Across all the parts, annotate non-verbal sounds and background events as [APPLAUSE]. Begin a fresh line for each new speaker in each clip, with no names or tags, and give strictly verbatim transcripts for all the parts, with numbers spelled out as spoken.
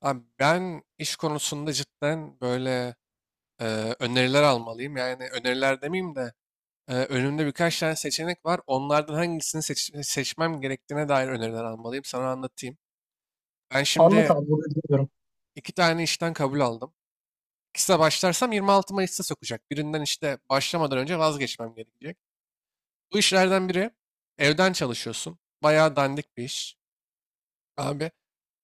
Abi ben iş konusunda cidden böyle e, öneriler almalıyım. Yani öneriler demeyeyim de e, önümde birkaç tane seçenek var. Onlardan hangisini seç- seçmem gerektiğine dair öneriler almalıyım. Sana anlatayım. Ben
Anlat
şimdi
abi bunu dinliyorum.
iki tane işten kabul aldım. İkisine başlarsam yirmi altı Mayıs'ta sokacak. Birinden işte başlamadan önce vazgeçmem gerekecek. Bu işlerden biri evden çalışıyorsun. Bayağı dandik bir iş. Abi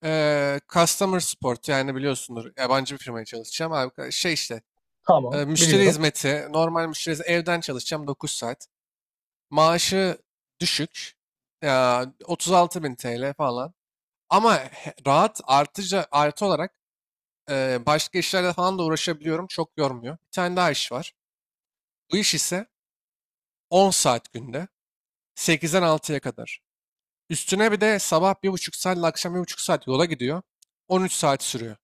e, customer support, yani biliyorsundur, yabancı bir firmaya çalışacağım. Abi şey işte. E,
Tamam
müşteri
biliyorum.
hizmeti, normal müşteri hizmeti, evden çalışacağım dokuz saat. Maaşı düşük. Ya otuz altı bin lira falan. Ama he- rahat, artıca artı olarak e, başka işlerle falan da uğraşabiliyorum. Çok yormuyor. Bir tane daha iş var. Bu iş ise on saat günde, sekizden altıya kadar. Üstüne bir de sabah bir buçuk saat ile akşam bir buçuk saat yola gidiyor. On üç saat sürüyor.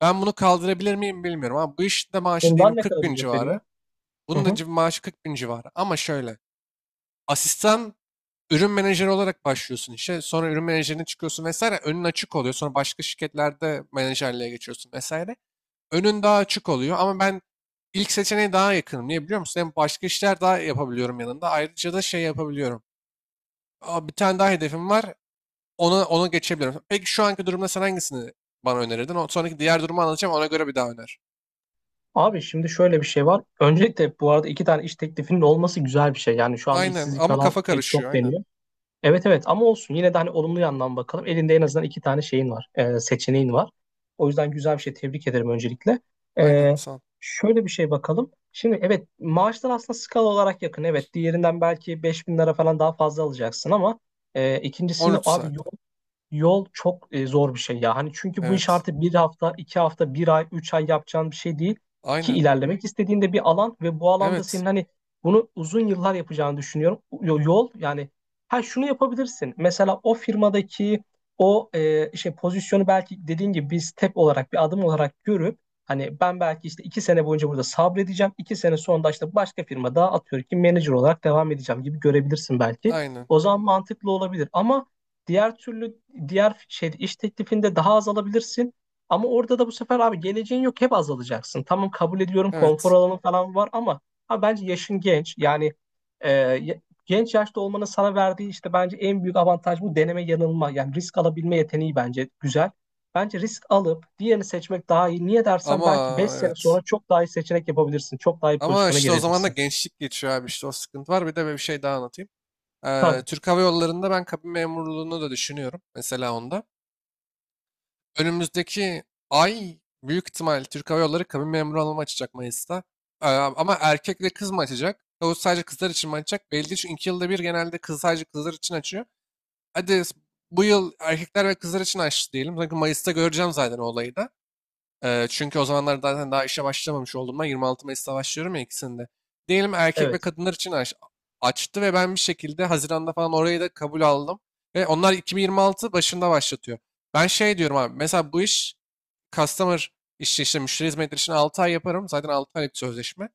Ben bunu kaldırabilir miyim bilmiyorum, ama bu işte maaşı
Bundan
diyelim
ne
kırk
kadar
bin
ücret veriyor?
civarı.
Hı
Bunun da
hı.
cib- maaşı kırk bin civarı. Ama şöyle. Asistan ürün menajeri olarak başlıyorsun işe. Sonra ürün menajerine çıkıyorsun vesaire. Önün açık oluyor. Sonra başka şirketlerde menajerliğe geçiyorsun vesaire. Önün daha açık oluyor, ama ben ilk seçeneğe daha yakınım. Niye biliyor musun? Hem başka işler daha yapabiliyorum yanında. Ayrıca da şey yapabiliyorum. Aa, Bir tane daha hedefim var. Ona, ona geçebiliyorum. Peki şu anki durumda sen hangisini bana önerirdin? O sonraki diğer durumu anlatacağım. Ona göre bir daha öner.
Abi şimdi şöyle bir şey var. Öncelikle bu arada iki tane iş teklifinin olması güzel bir şey. Yani şu anda
Aynen,
işsizlik
ama
falan
kafa
e,
karışıyor.
çok
Aynen.
deniyor. Evet evet ama olsun yine de hani olumlu yandan bakalım. Elinde en azından iki tane şeyin var. E, seçeneğin var. O yüzden güzel bir şey tebrik ederim öncelikle. E,
Aynen. Sağ ol.
Şöyle bir şey bakalım. Şimdi evet maaşlar aslında skala olarak yakın. Evet diğerinden belki beş bin lira falan daha fazla alacaksın ama e,
On
ikincisinde
üç
abi
saat.
yol yol. Çok e, zor bir şey ya. Hani çünkü bu iş
Evet.
artık bir hafta, iki hafta, bir ay, üç ay yapacağın bir şey değil. Ki
Aynen.
ilerlemek istediğinde bir alan ve bu alanda
Evet.
senin hani bunu uzun yıllar yapacağını düşünüyorum. Yo- Yol yani, ha şunu yapabilirsin. Mesela o firmadaki o e, işte pozisyonu belki dediğin gibi bir step olarak, bir adım olarak görüp hani ben belki işte iki sene boyunca burada sabredeceğim. iki sene sonra da işte başka firma daha atıyorum ki manager olarak devam edeceğim gibi görebilirsin belki.
Aynen.
O zaman mantıklı olabilir ama diğer türlü, diğer şey iş teklifinde daha az alabilirsin. Ama orada da bu sefer abi geleceğin yok, hep azalacaksın. Tamam kabul ediyorum, konfor
Evet.
alanı falan var ama abi bence yaşın genç. Yani e, ya- genç yaşta olmanın sana verdiği işte bence en büyük avantaj bu deneme yanılma. Yani risk alabilme yeteneği bence güzel. Bence risk alıp diğerini seçmek daha iyi. Niye dersen
Ama
belki beş sene
evet.
sonra çok daha iyi seçenek yapabilirsin. Çok daha iyi
Ama
pozisyona
işte o zaman da
gelebilirsin.
gençlik geçiyor abi, işte o sıkıntı var. Bir de bir şey daha anlatayım. Ee,
Tabii.
Türk Hava Yolları'nda ben kabin memurluğunu da düşünüyorum. Mesela onda. Önümüzdeki ay büyük ihtimal Türk Hava Yolları kabin memuru alımı açacak Mayıs'ta. Ee, ama erkek ve kız mı açacak? O sadece kızlar için mi açacak? Belli değil, çünkü iki yılda bir genelde kız, sadece kızlar için açıyor. Hadi bu yıl erkekler ve kızlar için açtı diyelim. Çünkü Mayıs'ta göreceğim zaten o olayı da. Eee, çünkü o zamanlar zaten daha işe başlamamış olduğumdan, yirmi altı Mayıs'ta başlıyorum ya ikisinde. Diyelim erkek ve
Evet.
kadınlar için aç- açtı ve ben bir şekilde Haziran'da falan orayı da kabul aldım. Ve onlar iki bin yirmi altı başında başlatıyor. Ben şey diyorum abi, mesela bu iş, customer işi, işte müşteri hizmetleri için altı ay yaparım. Zaten altı aylık sözleşme.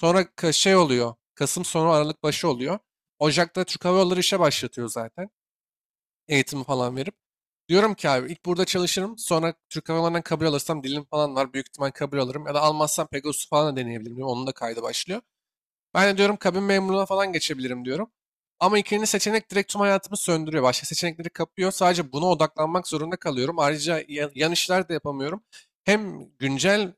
Sonra ka- şey oluyor. Kasım sonu Aralık başı oluyor. Ocak'ta Türk Hava Yolları işe başlatıyor zaten, eğitimi falan verip. Diyorum ki abi, ilk burada çalışırım. Sonra Türk Hava Yolları'ndan kabul alırsam, dilim falan var, büyük ihtimal kabul alırım. Ya da almazsam Pegasus falan da deneyebilirim, diyorum. Onun da kaydı başlıyor. Ben de diyorum kabin memurluğuna falan geçebilirim diyorum. Ama ikinci seçenek direkt tüm hayatımı söndürüyor. Başka seçenekleri kapıyor. Sadece buna odaklanmak zorunda kalıyorum. Ayrıca ya- yan işler de yapamıyorum. Hem güncel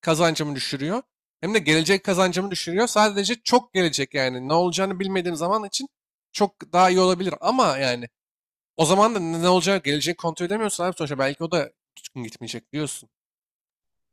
kazancımı düşürüyor. Hem de gelecek kazancımı düşürüyor. Sadece çok gelecek yani. Ne olacağını bilmediğim zaman için çok daha iyi olabilir. Ama yani o zaman da ne ne olacak gelecek kontrol edemiyorsun abi, sonuçta belki o da tutkun gitmeyecek diyorsun.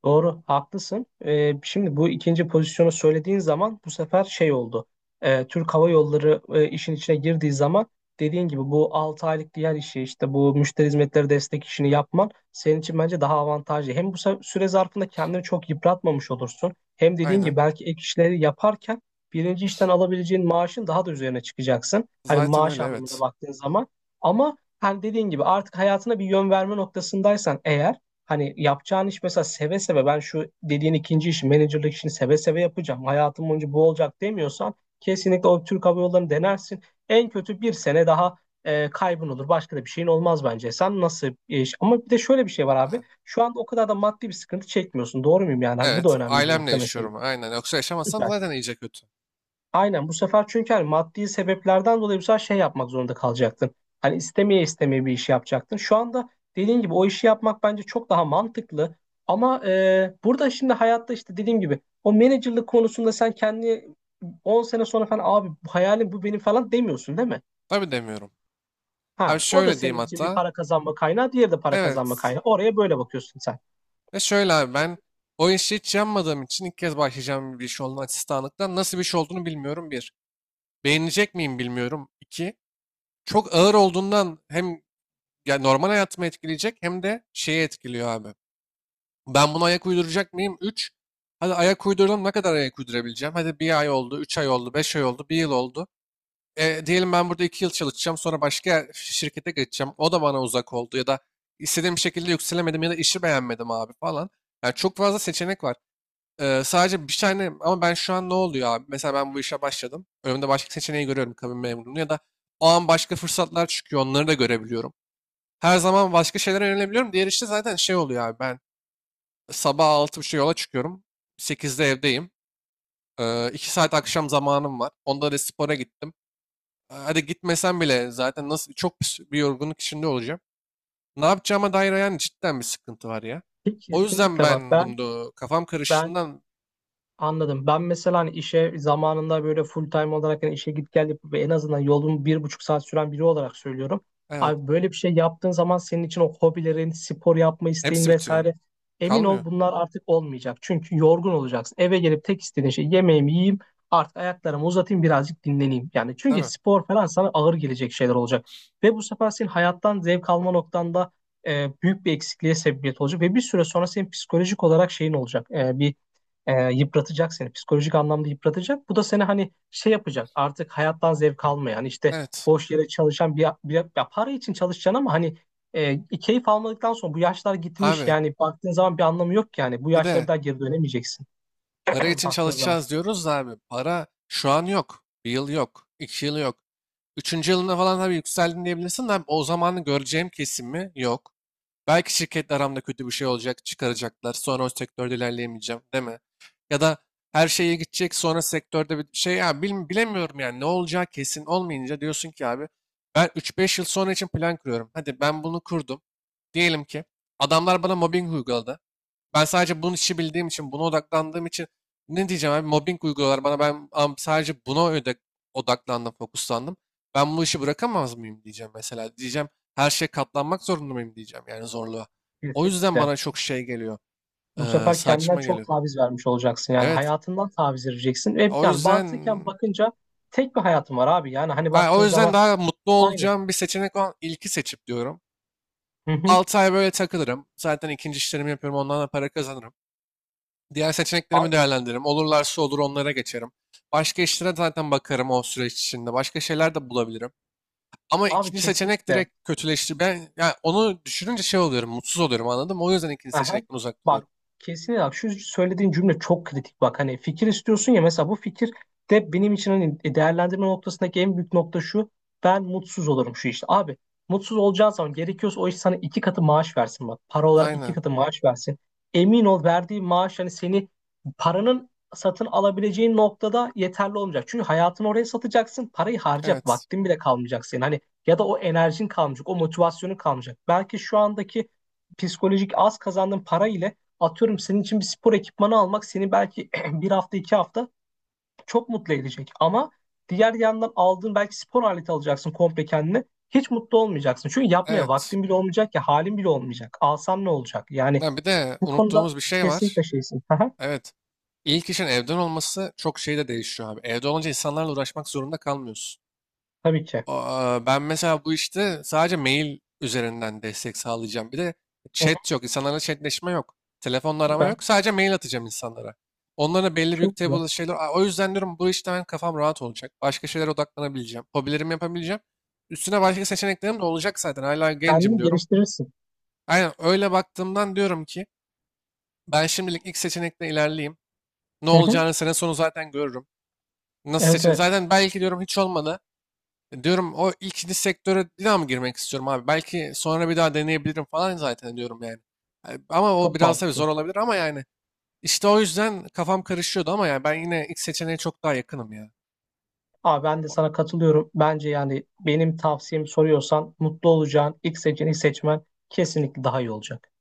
Doğru, haklısın. Ee, şimdi bu ikinci pozisyonu söylediğin zaman bu sefer şey oldu. Ee, Türk Hava Yolları e, işin içine girdiği zaman dediğin gibi bu 6 aylık diğer işi, işte bu müşteri hizmetleri destek işini yapman senin için bence daha avantajlı. Hem bu se- süre zarfında kendini çok yıpratmamış olursun. Hem dediğin gibi
Aynen.
belki ek işleri yaparken birinci işten alabileceğin maaşın daha da üzerine çıkacaksın. Hani
Zaten
maaş
öyle,
anlamında
evet.
baktığın zaman. Ama hani dediğin gibi artık hayatına bir yön verme noktasındaysan eğer, hani yapacağın iş mesela seve seve, ben şu dediğin ikinci işi, menajerlik işini seve seve yapacağım, hayatım boyunca bu olacak demiyorsan kesinlikle o Türk Hava Yolları'nı denersin. En kötü bir sene daha e, kaybın olur. Başka da bir şeyin olmaz bence. Sen nasıl bir iş? Ama bir de şöyle bir şey var abi.
Ha,
Şu anda o kadar da maddi bir sıkıntı çekmiyorsun. Doğru muyum yani? Hani bu da
Evet,
önemli bir
ailemle
nokta mesela.
yaşıyorum aynen. Yoksa yaşamasam
Süper.
zaten iyice kötü.
Aynen, bu sefer çünkü hani maddi sebeplerden dolayı bu sefer şey yapmak zorunda kalacaktın. Hani istemeye istemeye bir iş yapacaktın. Şu anda dediğin gibi o işi yapmak bence çok daha mantıklı. Ama e, burada şimdi hayatta işte dediğim gibi o menajerlik konusunda sen kendi 10 sene sonra falan abi bu hayalim, bu benim falan demiyorsun değil mi?
Tabii demiyorum. Abi
Ha, o da
şöyle diyeyim
senin için bir
hatta.
para kazanma kaynağı, diğeri de para kazanma
Evet.
kaynağı. Oraya böyle bakıyorsun sen.
Ve şöyle abi, ben o işi hiç yanmadığım için, ilk kez başlayacağım bir iş olduğunu, asistanlıktan nasıl bir iş olduğunu bilmiyorum, bir. Beğenecek miyim bilmiyorum, İki. Çok ağır olduğundan hem ya normal hayatımı etkileyecek, hem de şeyi etkiliyor abi. Ben buna ayak uyduracak mıyım? üç. Hadi ayak uydurdum. Ne kadar ayak uydurabileceğim? Hadi bir ay oldu, üç ay oldu, beş ay oldu, bir yıl oldu. E, diyelim ben burada iki yıl çalışacağım. Sonra başka şirkete geçeceğim. O da bana uzak oldu, ya da istediğim şekilde yükselemedim, ya da işi beğenmedim abi falan. Yani çok fazla seçenek var. E, sadece bir tane, ama ben şu an ne oluyor abi? Mesela ben bu işe başladım. Önümde başka seçeneği görüyorum, kabin memurunu, ya da o an başka fırsatlar çıkıyor. Onları da görebiliyorum. Her zaman başka şeylere yönelebiliyorum. Diğer işte zaten şey oluyor abi. Ben sabah altı buçuk yola çıkıyorum. Sekizde evdeyim. Ee, iki saat akşam zamanım var. Onda da spora gittim. Ee, Hadi gitmesem bile, zaten nasıl çok bir bir yorgunluk içinde olacağım. Ne yapacağıma dair yani cidden bir sıkıntı var ya. O yüzden
Kesinlikle bak,
ben bunu kafam
ben
karıştığından,
anladım. Ben mesela hani işe zamanında böyle full time olarak hani işe git gel yapıp en azından yolun bir buçuk saat süren biri olarak söylüyorum.
evet,
Abi böyle bir şey yaptığın zaman senin için o hobilerin, spor yapma isteğin
hepsi bitiyor.
vesaire, emin
Kalmıyor.
ol bunlar artık olmayacak. Çünkü yorgun olacaksın. Eve gelip tek istediğin şey yemeğimi yiyeyim, artık ayaklarımı uzatayım, birazcık dinleneyim. Yani çünkü
Tabii.
spor falan sana ağır gelecek şeyler olacak. Ve bu sefer senin hayattan zevk alma noktanda e, büyük bir eksikliğe sebebiyet olacak. Ve bir süre sonra senin psikolojik olarak şeyin olacak. E, bir e, yıpratacak seni. Psikolojik anlamda yıpratacak. Bu da seni hani şey yapacak. Artık hayattan zevk almayan, işte
Evet.
boş yere çalışan bir, bir, ya para için çalışacaksın ama hani e, keyif almadıktan sonra bu yaşlar gitmiş.
Abi
Yani baktığın zaman bir anlamı yok ki yani. Bu
bir
yaşlara bir
de
daha geri dönemeyeceksin.
para
[LAUGHS]
için
Baktığın zaman.
çalışacağız diyoruz da abi, para şu an yok. Bir yıl yok. iki yıl yok. Üçüncü yılına falan tabii yükseldin diyebilirsin de abi, o zamanı göreceğim kesimi yok. Belki şirketle aramda kötü bir şey olacak, çıkaracaklar. Sonra o sektörde ilerleyemeyeceğim, değil mi? Ya da her şey iyi gidecek, sonra sektörde bir şey ya bil- bilemiyorum yani, ne olacağı kesin olmayınca diyorsun ki abi, ben üç beş yıl sonra için plan kuruyorum. Hadi ben bunu kurdum. Diyelim ki adamlar bana mobbing uyguladı. Ben sadece bunun işi bildiğim için, buna odaklandığım için, ne diyeceğim abi, mobbing uyguluyorlar bana, ben am- sadece buna öde- odaklandım, fokuslandım. Ben bu işi bırakamaz mıyım diyeceğim mesela. Diyeceğim her şeye katlanmak zorunda mıyım diyeceğim, yani zorluğa. O yüzden
Kesinlikle.
bana çok şey geliyor,
Bu
eee,
sefer kendinden
saçma
çok
geliyor.
taviz vermiş olacaksın. Yani
Evet,
hayatından taviz vereceksin. Ve
o
yani
yüzden
mantıken bakınca tek bir hayatın var abi. Yani hani
ha,
baktığın
o yüzden
zaman
daha mutlu
aynı.
olacağım bir seçenek olan ilki seçip diyorum.
Hı hı.
altı ay böyle takılırım. Zaten ikinci işlerimi yapıyorum, ondan da para kazanırım. Diğer seçeneklerimi
Abi,
değerlendiririm. Olurlarsa olur, onlara geçerim. Başka işlere zaten bakarım o süreç içinde. Başka şeyler de bulabilirim. Ama
abi
ikinci seçenek
kesinlikle.
direkt kötüleşti. Ben yani onu düşününce şey oluyorum, mutsuz oluyorum, anladın mı? O yüzden ikinci
Aha.
seçenekten uzak duruyorum.
Bak kesinlikle bak, şu söylediğin cümle çok kritik bak. Hani fikir istiyorsun ya, mesela bu fikir de benim için hani e, değerlendirme noktasındaki en büyük nokta şu: ben mutsuz olurum şu işte abi. Mutsuz olacağın zaman gerekiyorsa o iş sana iki katı maaş versin, bak para olarak iki
Aynen.
katı maaş versin, emin ol verdiği maaş hani seni, paranın satın alabileceğin noktada yeterli olmayacak, çünkü hayatını oraya satacaksın. Parayı harcayacak
Evet.
vaktin bile kalmayacak senin, hani ya da o enerjin kalmayacak, o motivasyonun kalmayacak. Belki şu andaki psikolojik az kazandığın para ile atıyorum senin için bir spor ekipmanı almak seni belki [CLEARS THROAT] bir hafta iki hafta çok mutlu edecek. Ama diğer yandan aldığın belki spor aleti alacaksın komple kendine, hiç mutlu olmayacaksın. Çünkü yapmaya
Evet.
vaktin bile olmayacak ya halin bile olmayacak. Alsan ne olacak? Yani
Ha, Bir de
bu konuda
unuttuğumuz bir şey var.
kesinlikle şeysin. Aha,
Evet. İlk işin evden olması çok şey de değişiyor abi. Evde olunca insanlarla uğraşmak zorunda kalmıyorsun.
tabii ki.
Aa, Ben mesela bu işte sadece mail üzerinden destek sağlayacağım. Bir de
Hı hı.
chat yok. İnsanlarla chatleşme yok. Telefonla arama
Süper.
yok. Sadece mail atacağım insanlara. Onlara belli büyük
Çok güzel.
table şeyler. Aa, O yüzden diyorum bu işte ben kafam rahat olacak. Başka şeylere odaklanabileceğim. Hobilerimi yapabileceğim. Üstüne başka seçeneklerim de olacak zaten. Hala gencim
Kendini
diyorum.
geliştirirsin.
Aynen, öyle baktığımdan diyorum ki ben şimdilik ilk seçenekle ilerleyeyim. Ne
Hı hı.
olacağını sene sonu zaten görürüm. Nasıl
Evet
seçen?
evet.
Zaten belki diyorum, hiç olmadı. Diyorum, o ikinci sektöre bir daha mı girmek istiyorum abi? Belki sonra bir daha deneyebilirim falan, zaten diyorum yani. Yani ama o
Çok
biraz tabii zor
mantıklı.
olabilir, ama yani işte o yüzden kafam karışıyordu, ama yani ben yine ilk seçeneğe çok daha yakınım ya.
Abi ben de sana katılıyorum. Bence yani benim tavsiyemi soruyorsan mutlu olacağın ilk seçeneği seçmen kesinlikle daha iyi olacak.